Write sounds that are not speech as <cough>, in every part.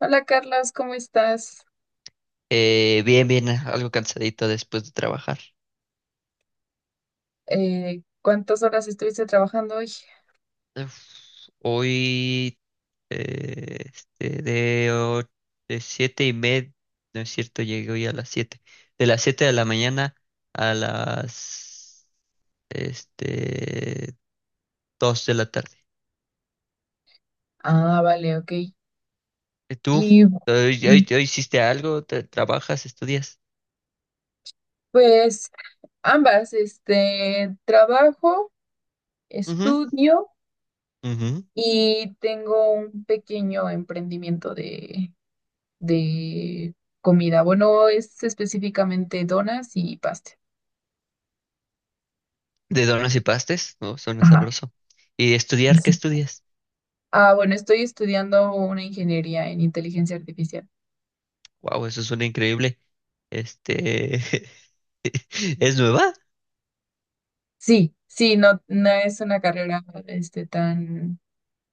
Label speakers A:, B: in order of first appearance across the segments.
A: Hola Carlos, ¿cómo estás?
B: Bien, bien, algo cansadito después de trabajar.
A: ¿Cuántas horas estuviste trabajando hoy?
B: Uf, hoy, eh, este, de, o- de siete y media, no es cierto, llegué hoy a las siete. De las siete de la mañana a las, este, dos de la tarde.
A: Ah, vale, ok.
B: ¿Y tú?
A: Y
B: ¿Hoy,
A: mm,
B: hoy hiciste algo? ¿Te- ¿Trabajas? ¿Estudias?
A: pues ambas, este, trabajo, estudio
B: Ujú, ujú.
A: y tengo un pequeño emprendimiento de comida. Bueno, es específicamente donas y pastel.
B: ¿De donas y pastes? No, suena
A: Ajá.
B: sabroso. ¿Y estudiar? ¿Qué
A: Sí.
B: estudias?
A: Ah, bueno, estoy estudiando una ingeniería en inteligencia artificial.
B: Wow, eso suena increíble. Este, <laughs> ¿es nueva?
A: Sí, sí, no, no es una carrera este, tan...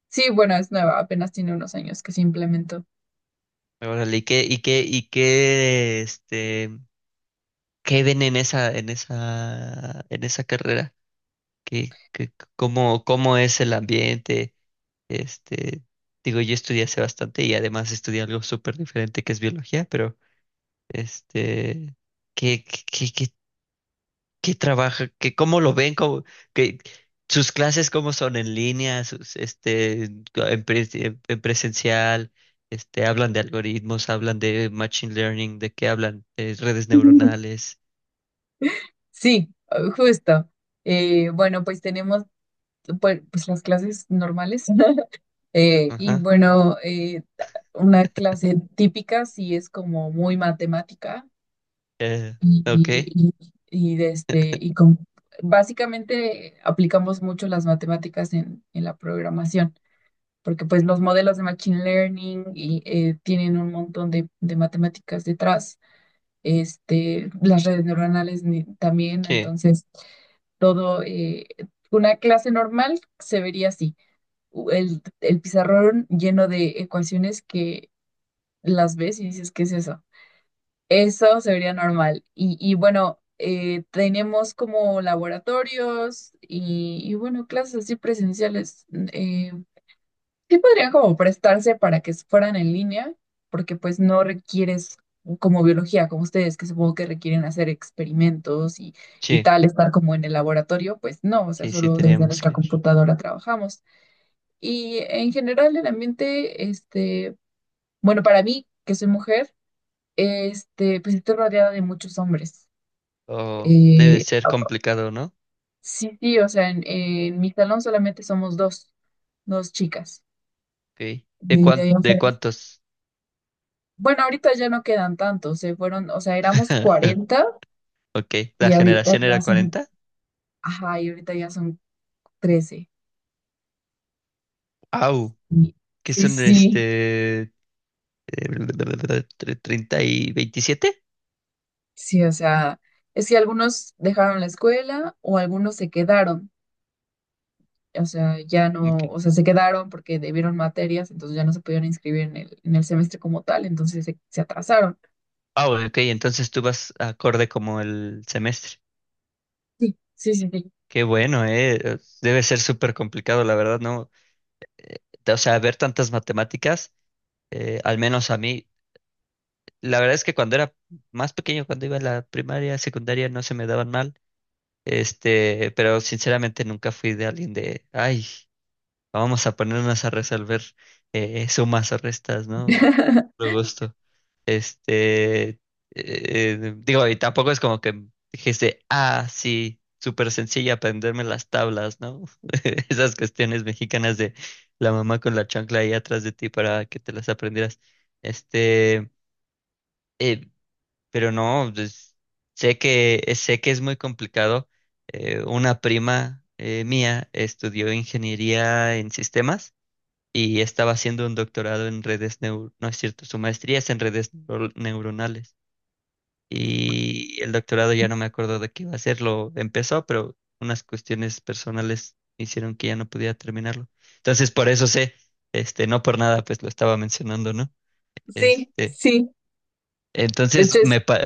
A: Sí, bueno, es nueva, apenas tiene unos años que se implementó.
B: Órale, ¿y qué, qué ven en en esa carrera? ¿Qué, qué- cómo, cómo es el ambiente? Este, digo, yo estudié hace bastante y además estudié algo súper diferente que es biología, pero, este, qué ¿Qué trabaja? ¿Qué, cómo lo ven? ¿Cómo, qué- sus clases cómo son en línea, sus, pres- en presencial, hablan de algoritmos, hablan de machine learning, de qué hablan, de redes
A: <laughs>
B: neuronales.
A: Sí, justo. Bueno, pues tenemos pues, pues las clases normales. <laughs> Eh, y
B: Ajá.
A: bueno, eh, una clase típica sí es como muy matemática
B: Eh,
A: y,
B: ok.
A: y, y de básicamente aplicamos mucho las matemáticas en la programación, porque pues los modelos de machine learning y tienen un montón de matemáticas detrás. Este, las redes neuronales también,
B: Sí,
A: entonces todo, una clase normal se vería así, el pizarrón lleno de ecuaciones que las ves y dices, ¿qué es eso? Eso se vería normal. Y bueno, tenemos como laboratorios y bueno, clases así presenciales. Eh, Sí podrían como prestarse para que fueran en línea, porque pues no requieres como biología, como ustedes, que supongo que requieren hacer experimentos y
B: sí,
A: tal, estar como en el laboratorio, pues no, o sea,
B: sí,
A: solo desde
B: teníamos
A: nuestra
B: que ir.
A: computadora trabajamos. Y en general el ambiente, este, bueno, para mí, que soy mujer, este, pues estoy rodeada de muchos hombres.
B: Oh, debe
A: Eh,
B: ser complicado, ¿no?
A: sí, sí, o sea, en mi salón solamente somos 2 chicas.
B: Ok. ¿De
A: Y de
B: cuán-
A: ahí en
B: de
A: fuera...
B: cuántos?
A: Bueno, ahorita ya no quedan tantos, se fueron, o sea, éramos
B: <laughs>
A: 40
B: Ok. ¿La
A: y ahorita
B: generación
A: ya
B: era
A: son...
B: 40
A: Ajá, y ahorita ya son 13.
B: ¡Au!
A: Y...
B: Que
A: Sí,
B: son
A: sí,
B: este? eh, 30 y 27.
A: sí, o sea, es que algunos dejaron la escuela o algunos se quedaron, o sea, ya no,
B: Ok.
A: o sea, se quedaron porque debieron materias, entonces ya no se pudieron inscribir en el semestre como tal, se atrasaron.
B: Ah, bueno, ok, entonces tú vas acorde como el semestre.
A: Sí, sí, sí, sí.
B: Qué bueno, eh. Debe ser súper complicado, la verdad, ¿no? O sea, ver tantas matemáticas, al menos a mí, la verdad es que cuando era más pequeño, cuando iba a la primaria, secundaria, no se me daban mal. Pero sinceramente nunca fui de alguien de, ay, vamos a ponernos a resolver sumas o restas, ¿no?
A: <laughs>
B: Por gusto. Este, eh, digo, y tampoco es como que dijese, ah, sí, súper sencilla aprenderme las tablas, ¿no? <laughs> Esas cuestiones mexicanas de la mamá con la chancla ahí atrás de ti para que te las aprendieras. Este, pero no, pues, sé que es muy complicado. Una prima mía estudió ingeniería en sistemas y estaba haciendo un doctorado en redes neu- no es cierto, su maestría es en redes neuronales y el doctorado ya no me acuerdo de qué iba a hacerlo. Empezó, pero unas cuestiones personales hicieron que ya no podía terminarlo. Entonces, por eso sé, no por nada, pues lo estaba mencionando, ¿no?
A: Sí,
B: Este,
A: sí, de hecho
B: entonces
A: es...
B: me pa-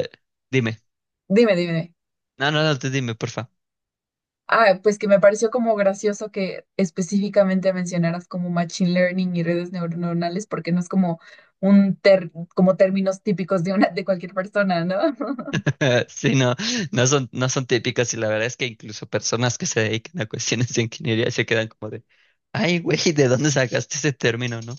B: dime.
A: dime.
B: No, no, no, tú dime, porfa.
A: Ah, pues que me pareció como gracioso que específicamente mencionaras como machine learning y redes neuronales, porque no es como como términos típicos de una de cualquier persona, ¿no? <laughs>
B: <laughs> Sí, no, no son, no son típicas y la verdad es que incluso personas que se dedican a cuestiones de ingeniería se quedan como de, ay, güey, ¿de dónde sacaste ese término, no?"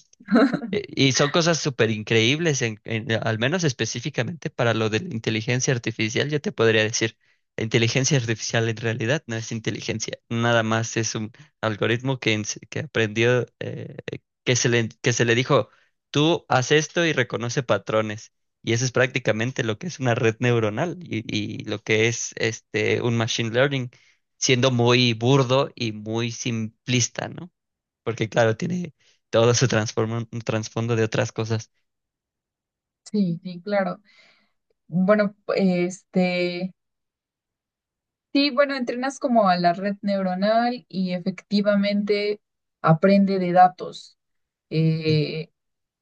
B: Y son cosas súper increíbles, al menos específicamente para lo de la inteligencia artificial, yo te podría decir, la inteligencia artificial en realidad no es inteligencia, nada más es un algoritmo que, que aprendió, que se le dijo, tú haz esto y reconoce patrones. Y eso es prácticamente lo que es una red neuronal y lo que es un machine learning, siendo muy burdo y muy simplista, ¿no? Porque claro, tiene todo su transformo- un trasfondo de otras cosas.
A: Sí, sí, claro. Bueno, este, sí, bueno, entrenas como a la red neuronal y efectivamente aprende de datos.
B: Mm,
A: Eh,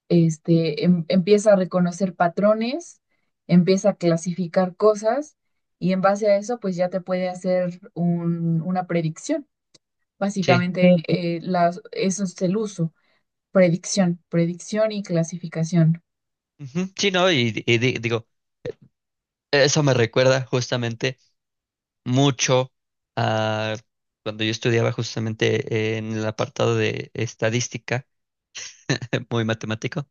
A: este, empieza a reconocer patrones, empieza a clasificar cosas y en base a eso, pues ya te puede hacer una predicción.
B: sí,
A: Básicamente, sí. Eso es el uso, predicción y clasificación.
B: ujú, sí, no, y, digo, eso me recuerda justamente mucho a cuando yo estudiaba justamente en el apartado de estadística, <laughs> muy matemático,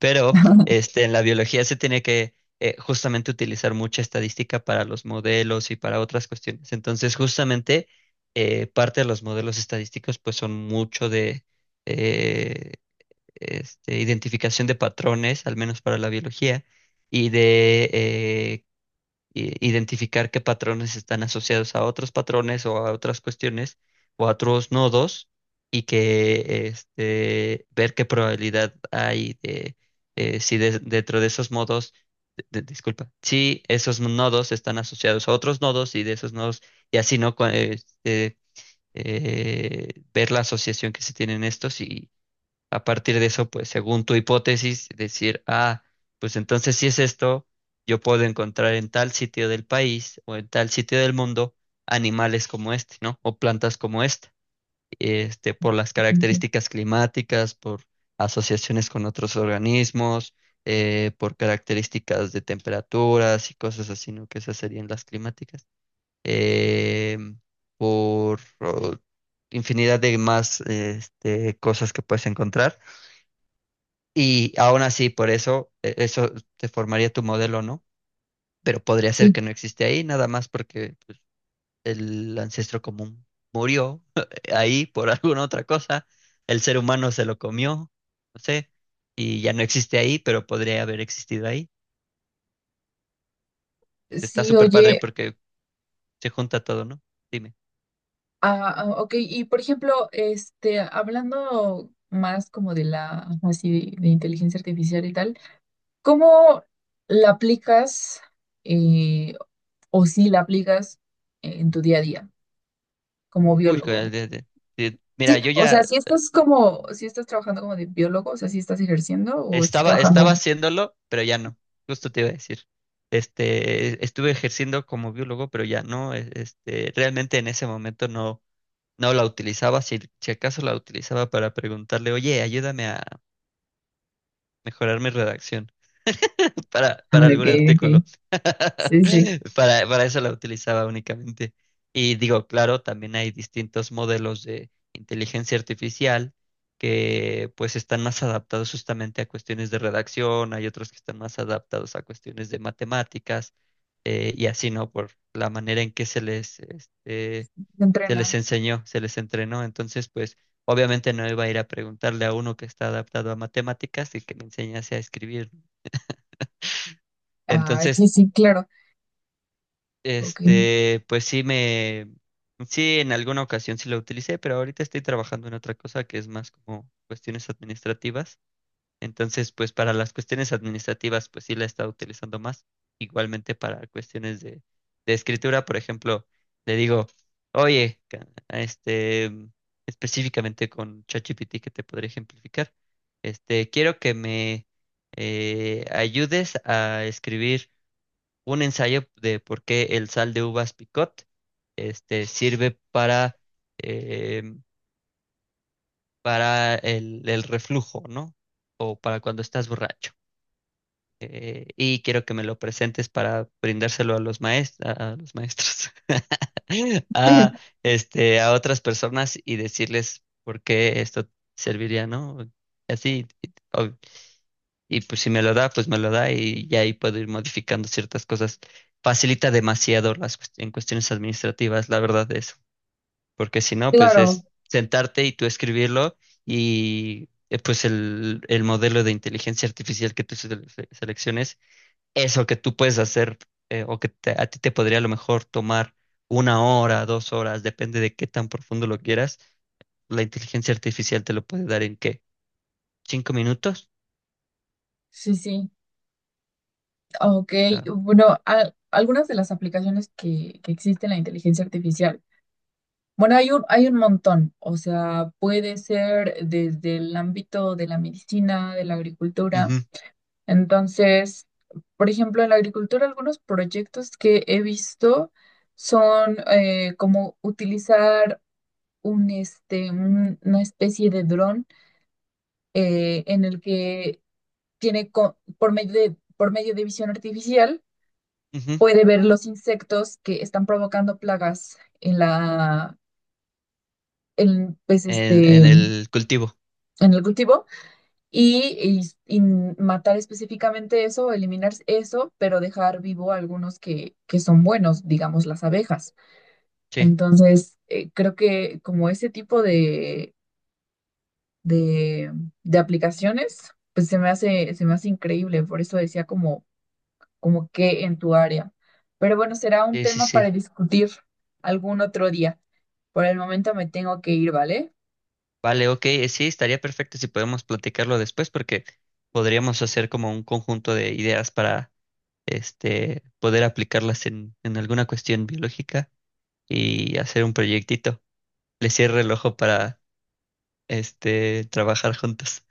B: pero en la biología se tiene que justamente utilizar mucha estadística para los modelos y para otras cuestiones. Entonces, justamente parte de los modelos estadísticos pues son mucho de eh, identificación de patrones, al menos para la biología, y de i- identificar qué patrones están asociados a otros patrones o a otras cuestiones o a otros nodos y que ver qué probabilidad hay de si de- dentro de esos modos, disculpa, si esos nodos están asociados a otros nodos y de esos nodos, y así, ¿no? Cu- eh, ver la asociación que se tienen estos a partir de eso, pues según tu hipótesis, decir, ah, pues entonces si es esto, yo puedo encontrar en tal sitio del país o en tal sitio del mundo animales como este, ¿no? O plantas como esta, por las
A: <laughs>
B: características climáticas, por asociaciones con otros organismos, por características de temperaturas y cosas así, ¿no? Que esas serían las climáticas. Eh, por oh, infinidad de más, cosas que puedes encontrar y aún así, por eso, e- eso te formaría tu modelo, ¿no? Pero podría ser
A: Sí.
B: que no existe ahí, nada más porque el ancestro común murió <laughs> ahí por alguna otra cosa, el ser humano se lo comió, no sé, y ya no existe ahí, pero podría haber existido ahí. Entonces, está
A: Sí,
B: súper padre
A: oye,
B: porque se junta todo, ¿no? Dime.
A: ok, y por ejemplo, este, hablando más como de la, así, de inteligencia artificial y tal. ¿Cómo la aplicas eh, o si la aplicas en tu día a día como
B: Uy,
A: biólogo?
B: mira,
A: Sí,
B: yo
A: o
B: ya
A: sea, si estás como, si estás trabajando como de biólogo, o sea, si estás ejerciendo o estás
B: estaba, estaba
A: trabajando.
B: haciéndolo, pero ya no. Justo te iba a decir. Estuve ejerciendo como biólogo, pero ya no. Realmente en ese momento no, no la utilizaba. Si, si acaso la utilizaba para preguntarle, oye, ayúdame a mejorar mi redacción <laughs>
A: Ah,
B: para
A: ok,
B: algún
A: ok.
B: artículo.
A: Sí, sí.
B: <laughs> Para eso la utilizaba únicamente. Y digo, claro, también hay distintos modelos de inteligencia artificial que pues están más adaptados justamente a cuestiones de redacción, hay otros que están más adaptados a cuestiones de matemáticas y así, ¿no? Por la manera en que se les,
A: Se
B: se les
A: entrena.
B: enseñó, se les entrenó. Entonces, pues obviamente no iba a ir a preguntarle a uno que está adaptado a matemáticas y que me enseñase a escribir.
A: Ah,
B: Entonces,
A: sí, sí, claro. Ok.
B: Pues sí me, sí en alguna ocasión sí la utilicé, pero ahorita estoy trabajando en otra cosa que es más como cuestiones administrativas. Entonces, pues para las cuestiones administrativas, pues sí la he estado utilizando más. Igualmente para cuestiones de escritura, por ejemplo, le digo, oye, específicamente con ChatGPT que te podré ejemplificar, quiero que me ayudes a escribir un ensayo de por qué el sal de uvas picot sirve eh, para el reflujo, ¿no? O para cuando estás borracho. Y quiero que me lo presentes para brindárselo a los maestros, <laughs> a,
A: <laughs>
B: a otras personas y decirles por qué esto serviría, ¿no? Así, y pues si me lo da, pues me lo da y ya ahí puedo ir modificando ciertas cosas. Facilita demasiado las cuest- en cuestiones administrativas, la verdad es, porque si no, pues
A: Claro,
B: es sentarte y tú escribirlo y pues el modelo de inteligencia artificial que tú selecciones, eso que tú puedes hacer o que te- a ti te podría a lo mejor tomar 1 hora, 2 horas, depende de qué tan profundo lo quieras, la inteligencia artificial te lo puede dar en qué, 5 minutos.
A: sí, sí. Ok,
B: O sea,
A: bueno, algunas de las aplicaciones que existen en la inteligencia artificial. Bueno, hay un montón, o sea, puede ser desde el ámbito de la medicina, de la agricultura.
B: ujú,
A: Entonces, por ejemplo, en la agricultura, algunos proyectos que he visto son como utilizar este, una especie de dron en el que tiene, por medio por medio de visión artificial,
B: ujú.
A: puede ver los insectos que están provocando plagas en, pues, este,
B: En el cultivo.
A: en el cultivo y, y matar específicamente eso, eliminar eso, pero dejar vivo algunos que son buenos, digamos las abejas.
B: Sí,
A: Entonces, creo que como ese tipo de, de aplicaciones, pues se me hace increíble, por eso decía como, como que en tu área. Pero bueno, será un tema para
B: sí.
A: discutir algún otro día. Por el momento me tengo que ir, ¿vale?
B: Vale, ok, sí, estaría perfecto si podemos platicarlo después porque podríamos hacer como un conjunto de ideas para este poder aplicarlas en alguna cuestión biológica y hacer un proyectito. Le cierro el ojo para este trabajar juntos.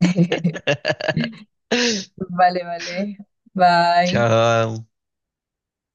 A: <laughs>
B: <laughs>
A: Vale, vale. Bye.
B: Chao.